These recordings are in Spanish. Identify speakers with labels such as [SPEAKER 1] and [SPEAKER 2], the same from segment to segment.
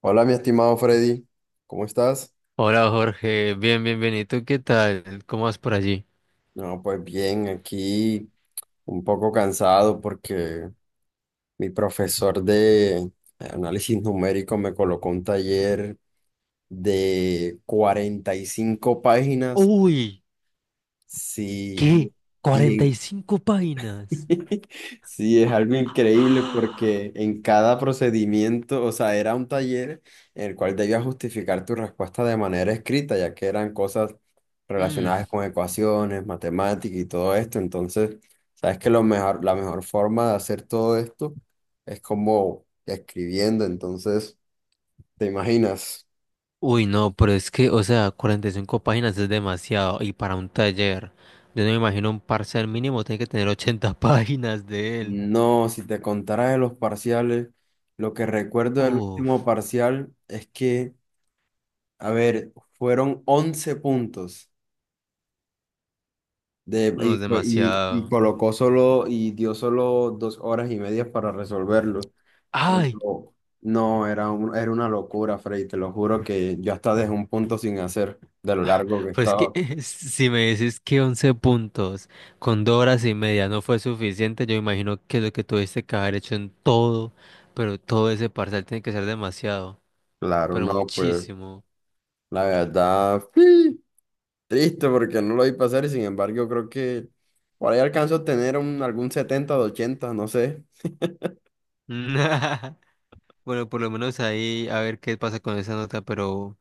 [SPEAKER 1] Hola, mi estimado Freddy, ¿cómo estás?
[SPEAKER 2] Hola, Jorge, bien, bienvenido. ¿Qué tal? ¿Cómo vas por allí?
[SPEAKER 1] No, pues bien, aquí un poco cansado porque mi profesor de análisis numérico me colocó un taller de 45 páginas,
[SPEAKER 2] Uy,
[SPEAKER 1] sí,
[SPEAKER 2] ¿qué?
[SPEAKER 1] y,
[SPEAKER 2] ¿45 páginas?
[SPEAKER 1] Sí, es algo increíble
[SPEAKER 2] ¡Ah!
[SPEAKER 1] porque en cada procedimiento, o sea, era un taller en el cual debías justificar tu respuesta de manera escrita, ya que eran cosas
[SPEAKER 2] Mm.
[SPEAKER 1] relacionadas con ecuaciones, matemáticas y todo esto. Entonces, sabes que lo mejor, la mejor forma de hacer todo esto es como escribiendo. Entonces, ¿te imaginas?
[SPEAKER 2] Uy, no, pero es que, o sea, 45 páginas es demasiado y para un taller. Yo no me imagino, un parcial mínimo tiene que tener 80 páginas de él.
[SPEAKER 1] No, si te contara de los parciales, lo que recuerdo del último
[SPEAKER 2] Uf,
[SPEAKER 1] parcial es que, a ver, fueron 11 puntos de,
[SPEAKER 2] no
[SPEAKER 1] y,
[SPEAKER 2] es
[SPEAKER 1] fue- y
[SPEAKER 2] demasiado.
[SPEAKER 1] colocó solo y dio solo 2 horas y media para resolverlo.
[SPEAKER 2] Ay.
[SPEAKER 1] Pero no, era una locura, Freddy, te lo juro que yo hasta dejé un punto sin hacer de lo largo que
[SPEAKER 2] Pues que
[SPEAKER 1] estaba.
[SPEAKER 2] si me dices que 11 puntos con 2 horas y media no fue suficiente, yo imagino que lo que tuviste que haber hecho en todo, pero todo ese parcial tiene que ser demasiado,
[SPEAKER 1] Claro,
[SPEAKER 2] pero
[SPEAKER 1] no, pues
[SPEAKER 2] muchísimo.
[SPEAKER 1] la verdad, sí, triste porque no lo vi pasar y sin embargo yo creo que por ahí alcanzo a tener algún 70 de 80, no sé.
[SPEAKER 2] Bueno, por lo menos ahí a ver qué pasa con esa nota. Pero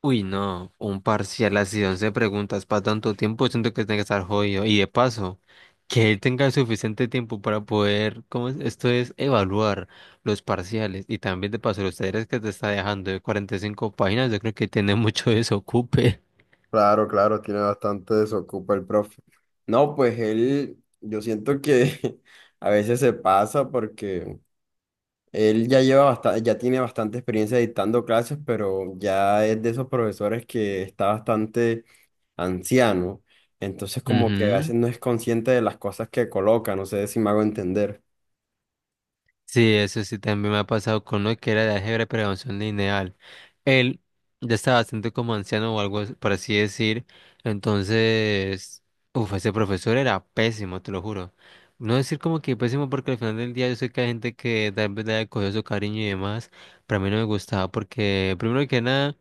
[SPEAKER 2] uy, no, un parcial así, 11 preguntas para tanto tiempo, siento que tiene que estar jodido. Y de paso, que él tenga suficiente tiempo para poder, ¿cómo es? Esto es evaluar los parciales. Y también de paso, los talleres que te está dejando de 45 páginas, yo creo que tiene mucho desocupe.
[SPEAKER 1] Claro, claro, tiene bastante desocupa el profe. No, pues él, yo siento que a veces se pasa porque él ya lleva bastante, ya tiene bastante experiencia dictando clases, pero ya es de esos profesores que está bastante anciano. Entonces, como que a
[SPEAKER 2] Ujú.
[SPEAKER 1] veces no es consciente de las cosas que coloca, no sé si me hago entender.
[SPEAKER 2] Sí, eso sí también me ha pasado con uno que era de álgebra pero de función lineal. Él ya estaba bastante como anciano o por así decir. Entonces, uff, ese profesor era pésimo, te lo juro. No decir como que pésimo porque al final del día yo sé que hay gente que tal vez le haya cogido su cariño y demás. Pero a mí no me gustaba porque, primero que nada,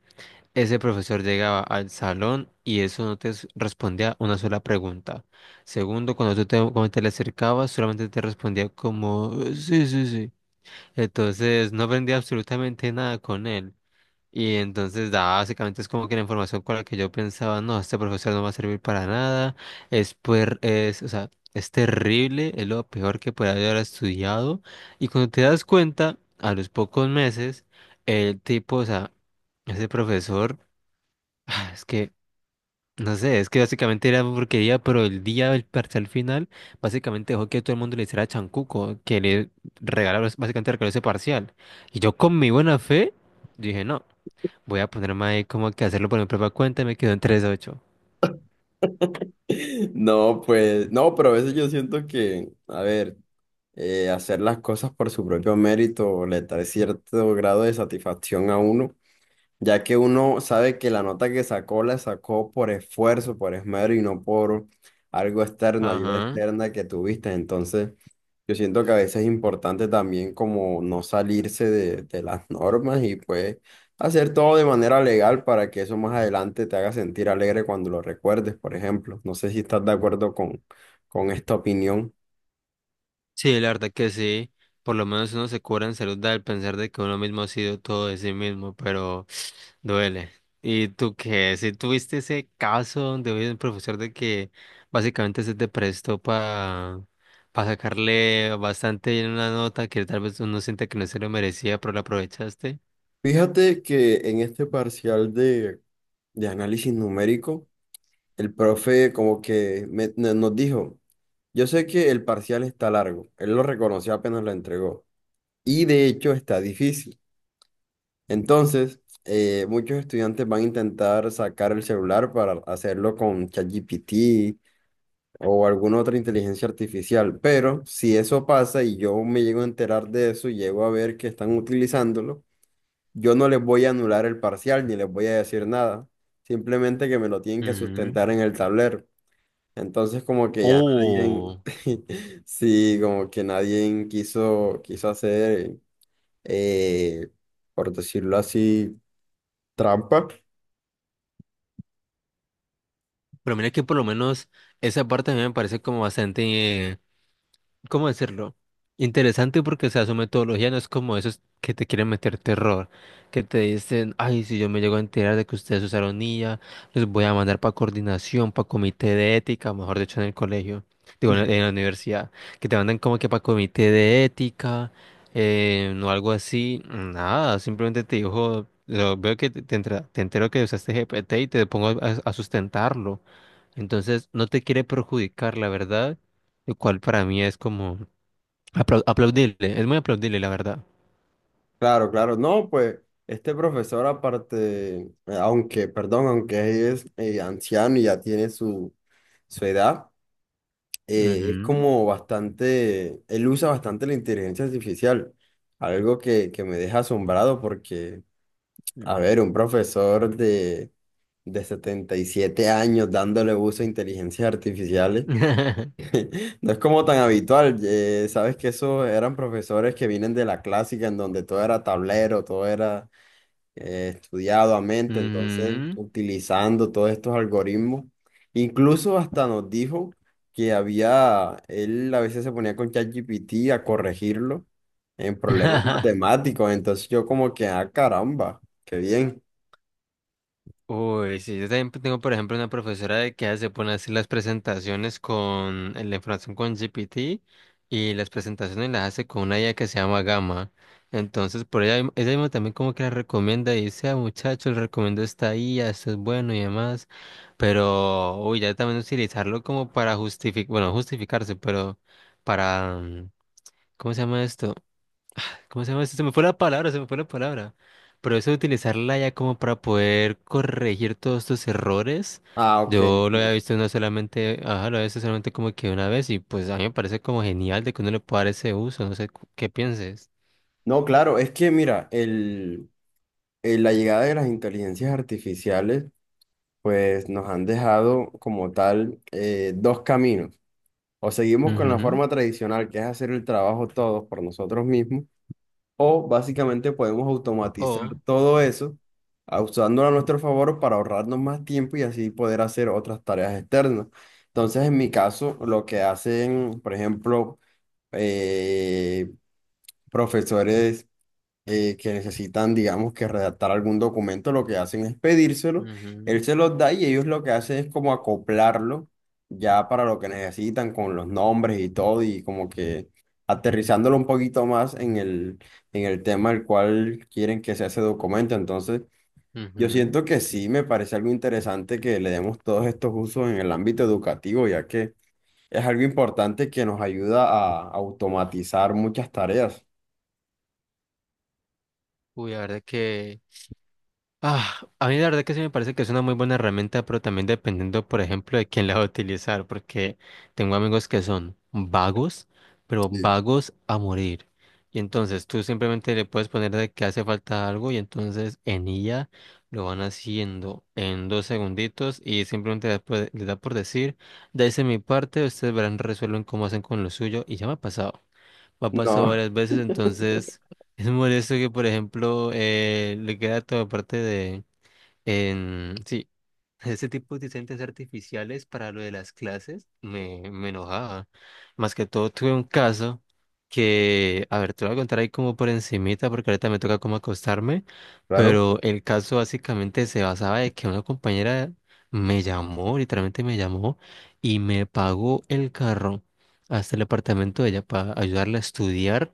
[SPEAKER 2] ese profesor llegaba al salón y eso no te respondía una sola pregunta. Segundo, cuando cuando te le acercabas, solamente te respondía como, sí, sí, sí. Entonces no aprendí absolutamente nada con él. Y entonces básicamente es como que la información con la que yo pensaba, no, este profesor no va a servir para nada, es, o sea, es terrible, es lo peor que puede haber estudiado. Y cuando te das cuenta, a los pocos meses, el tipo, o sea, ese profesor, es que no sé, es que básicamente era porquería, pero el día del parcial final, básicamente dejó que todo el mundo le hiciera chancuco, que le regalaron, básicamente regaló ese parcial. Y yo con mi buena fe, dije, no, voy a ponerme ahí como que hacerlo por mi propia cuenta y me quedó en tres ocho.
[SPEAKER 1] No, pues, no, pero a veces yo siento que, a ver, hacer las cosas por su propio mérito le trae cierto grado de satisfacción a uno, ya que uno sabe que la nota que sacó la sacó por esfuerzo, por esmero y no por algo externo, ayuda
[SPEAKER 2] Ajá.
[SPEAKER 1] externa que tuviste. Entonces, yo siento que a veces es importante también como no salirse de las normas y pues hacer todo de manera legal para que eso más adelante te haga sentir alegre cuando lo recuerdes, por ejemplo. No sé si estás de acuerdo con esta opinión.
[SPEAKER 2] Sí, la verdad que sí. Por lo menos uno se cura en salud al pensar de que uno mismo ha sido todo de sí mismo, pero duele. ¿Y tú qué? Si tuviste ese caso donde había un profesor de que básicamente se te prestó para sacarle bastante en una nota que tal vez uno siente que no se lo merecía, pero la aprovechaste.
[SPEAKER 1] Fíjate que en este parcial de análisis numérico, el profe como que nos dijo, yo sé que el parcial está largo, él lo reconoció apenas lo entregó y de hecho está difícil. Entonces, muchos estudiantes van a intentar sacar el celular para hacerlo con ChatGPT o alguna otra inteligencia artificial, pero si eso pasa y yo me llego a enterar de eso y llego a ver que están utilizándolo, yo no les voy a anular el parcial ni les voy a decir nada, simplemente que me lo tienen que
[SPEAKER 2] Ujú.
[SPEAKER 1] sustentar en el tablero. Entonces como que ya nadie,
[SPEAKER 2] Oh,
[SPEAKER 1] sí, como que nadie quiso hacer, eh, por decirlo así, trampa.
[SPEAKER 2] pero mira que por lo menos esa parte a mí me parece como bastante, ¿cómo decirlo? Interesante porque, o sea, su metodología no es como esos que te quieren meter terror, que te dicen, ay, si yo me llego a enterar de que ustedes usaron IA, los voy a mandar para coordinación, para comité de ética, mejor dicho, en el colegio, digo, en la universidad, que te mandan como que para comité de ética, o algo así, nada, simplemente te dijo, veo que te entero que usaste GPT y te pongo a sustentarlo. Entonces, no te quiere perjudicar, la verdad, lo cual para mí es como aplaudible, es muy aplaudible, la verdad.
[SPEAKER 1] Claro, claro, no, pues este profesor aparte, aunque, perdón, aunque es anciano y ya tiene su edad, es
[SPEAKER 2] Ujú.
[SPEAKER 1] como bastante, él usa bastante la inteligencia artificial, algo que me deja asombrado porque... A ver, un profesor de 77 años dándole uso a inteligencias artificiales, no es como tan habitual. Sabes que esos eran profesores que vienen de la clásica, en donde todo era tablero, todo era estudiado a mente, entonces
[SPEAKER 2] Ujú.
[SPEAKER 1] utilizando todos estos algoritmos. Incluso hasta nos dijo que había, él a veces se ponía con ChatGPT a corregirlo en problemas matemáticos, entonces yo como que, ah, caramba, qué bien.
[SPEAKER 2] Uy, sí, yo también tengo, por ejemplo, una profesora de que se pone a hacer las presentaciones con la información con GPT y las presentaciones las hace con una IA que se llama Gama. Entonces, por ella, ella misma también como que la recomienda y dice, ah, muchachos, les recomiendo esta IA, esto es bueno y demás. Pero, uy, ya también utilizarlo como para justificar, bueno, justificarse, pero para, ¿cómo se llama esto? ¿Cómo se llama eso? Se me fue la palabra, se me fue la palabra. Pero eso de utilizarla ya como para poder corregir todos tus errores,
[SPEAKER 1] Ah, ok.
[SPEAKER 2] yo lo había
[SPEAKER 1] Sí.
[SPEAKER 2] visto no solamente, ajá, lo había visto solamente como que una vez y pues a mí me parece como genial de que uno le pueda dar ese uso, no sé qué pienses.
[SPEAKER 1] No, claro, es que mira, la llegada de las inteligencias artificiales, pues nos han dejado como tal dos caminos. O seguimos con la
[SPEAKER 2] Ujú.
[SPEAKER 1] forma tradicional, que es hacer el trabajo todos por nosotros mismos, o básicamente podemos automatizar
[SPEAKER 2] O,
[SPEAKER 1] todo eso, usándolo a nuestro favor para ahorrarnos más tiempo y así poder hacer otras tareas externas. Entonces, en mi caso, lo que hacen, por ejemplo, eh, profesores, que necesitan, digamos, que redactar algún documento, lo que hacen es pedírselo,
[SPEAKER 2] ujú,
[SPEAKER 1] él se los da y ellos lo que hacen es como acoplarlo ya para lo que necesitan con los nombres y todo y como que aterrizándolo un poquito más en el tema al cual quieren que sea ese documento. Entonces, yo
[SPEAKER 2] ujú.
[SPEAKER 1] siento que sí, me parece algo interesante que le demos todos estos usos en el ámbito educativo, ya que es algo importante que nos ayuda a automatizar muchas tareas.
[SPEAKER 2] Uy, la verdad que... Ah, a mí la verdad que sí me parece que es una muy buena herramienta, pero también dependiendo, por ejemplo, de quién la va a utilizar, porque tengo amigos que son vagos, pero
[SPEAKER 1] Sí.
[SPEAKER 2] vagos a morir. Y entonces tú simplemente le puedes poner de que hace falta algo y entonces en ella lo van haciendo en 2 segunditos y simplemente le da por decir, de mi parte, ustedes verán, resuelven cómo hacen con lo suyo y ya me ha pasado. Me ha pasado
[SPEAKER 1] No,
[SPEAKER 2] varias veces, entonces es molesto que, por ejemplo, le queda toda parte de, en, sí, ese tipo de inteligencias artificiales para lo de las clases me enojaba. Más que todo tuve un caso que, a ver, te lo voy a contar ahí como por encimita porque ahorita me toca como acostarme,
[SPEAKER 1] claro.
[SPEAKER 2] pero el caso básicamente se basaba de que una compañera me llamó, literalmente me llamó y me pagó el carro hasta el apartamento de ella para ayudarla a estudiar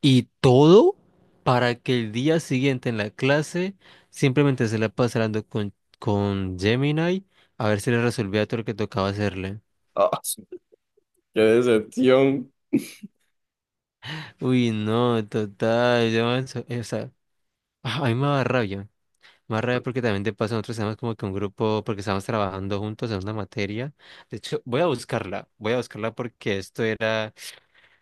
[SPEAKER 2] y todo para que el día siguiente en la clase simplemente se la pasando con Gemini a ver si le resolvía todo lo que tocaba hacerle.
[SPEAKER 1] Ah, sí, qué decepción.
[SPEAKER 2] Uy, no, total, o sea, ah, a mí me da rabia. Me da rabia porque también te pasan otros temas como que un grupo, porque estábamos trabajando juntos en una materia. De hecho, voy a buscarla porque esto era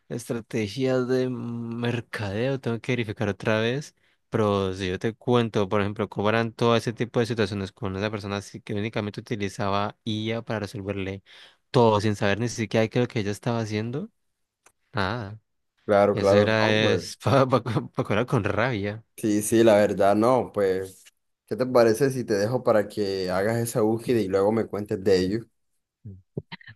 [SPEAKER 2] Estrategias de Mercadeo, tengo que verificar otra vez. Pero si yo te cuento, por ejemplo, cómo eran todo ese tipo de situaciones con esa persona así que únicamente utilizaba IA para resolverle todo sin saber ni siquiera qué es lo que ella estaba haciendo. Nada.
[SPEAKER 1] Claro,
[SPEAKER 2] Eso
[SPEAKER 1] claro, no,
[SPEAKER 2] era
[SPEAKER 1] pues.
[SPEAKER 2] es para curar con rabia.
[SPEAKER 1] Sí, sí, la verdad, no, pues. ¿Qué te parece si te dejo para que hagas esa búsqueda y luego me cuentes de ello?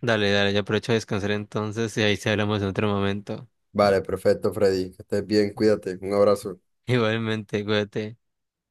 [SPEAKER 2] Dale, dale, yo aprovecho a descansar entonces y ahí se hablamos en otro momento.
[SPEAKER 1] Vale, perfecto, Freddy. Que estés bien, cuídate. Un abrazo.
[SPEAKER 2] Igualmente, cuídate.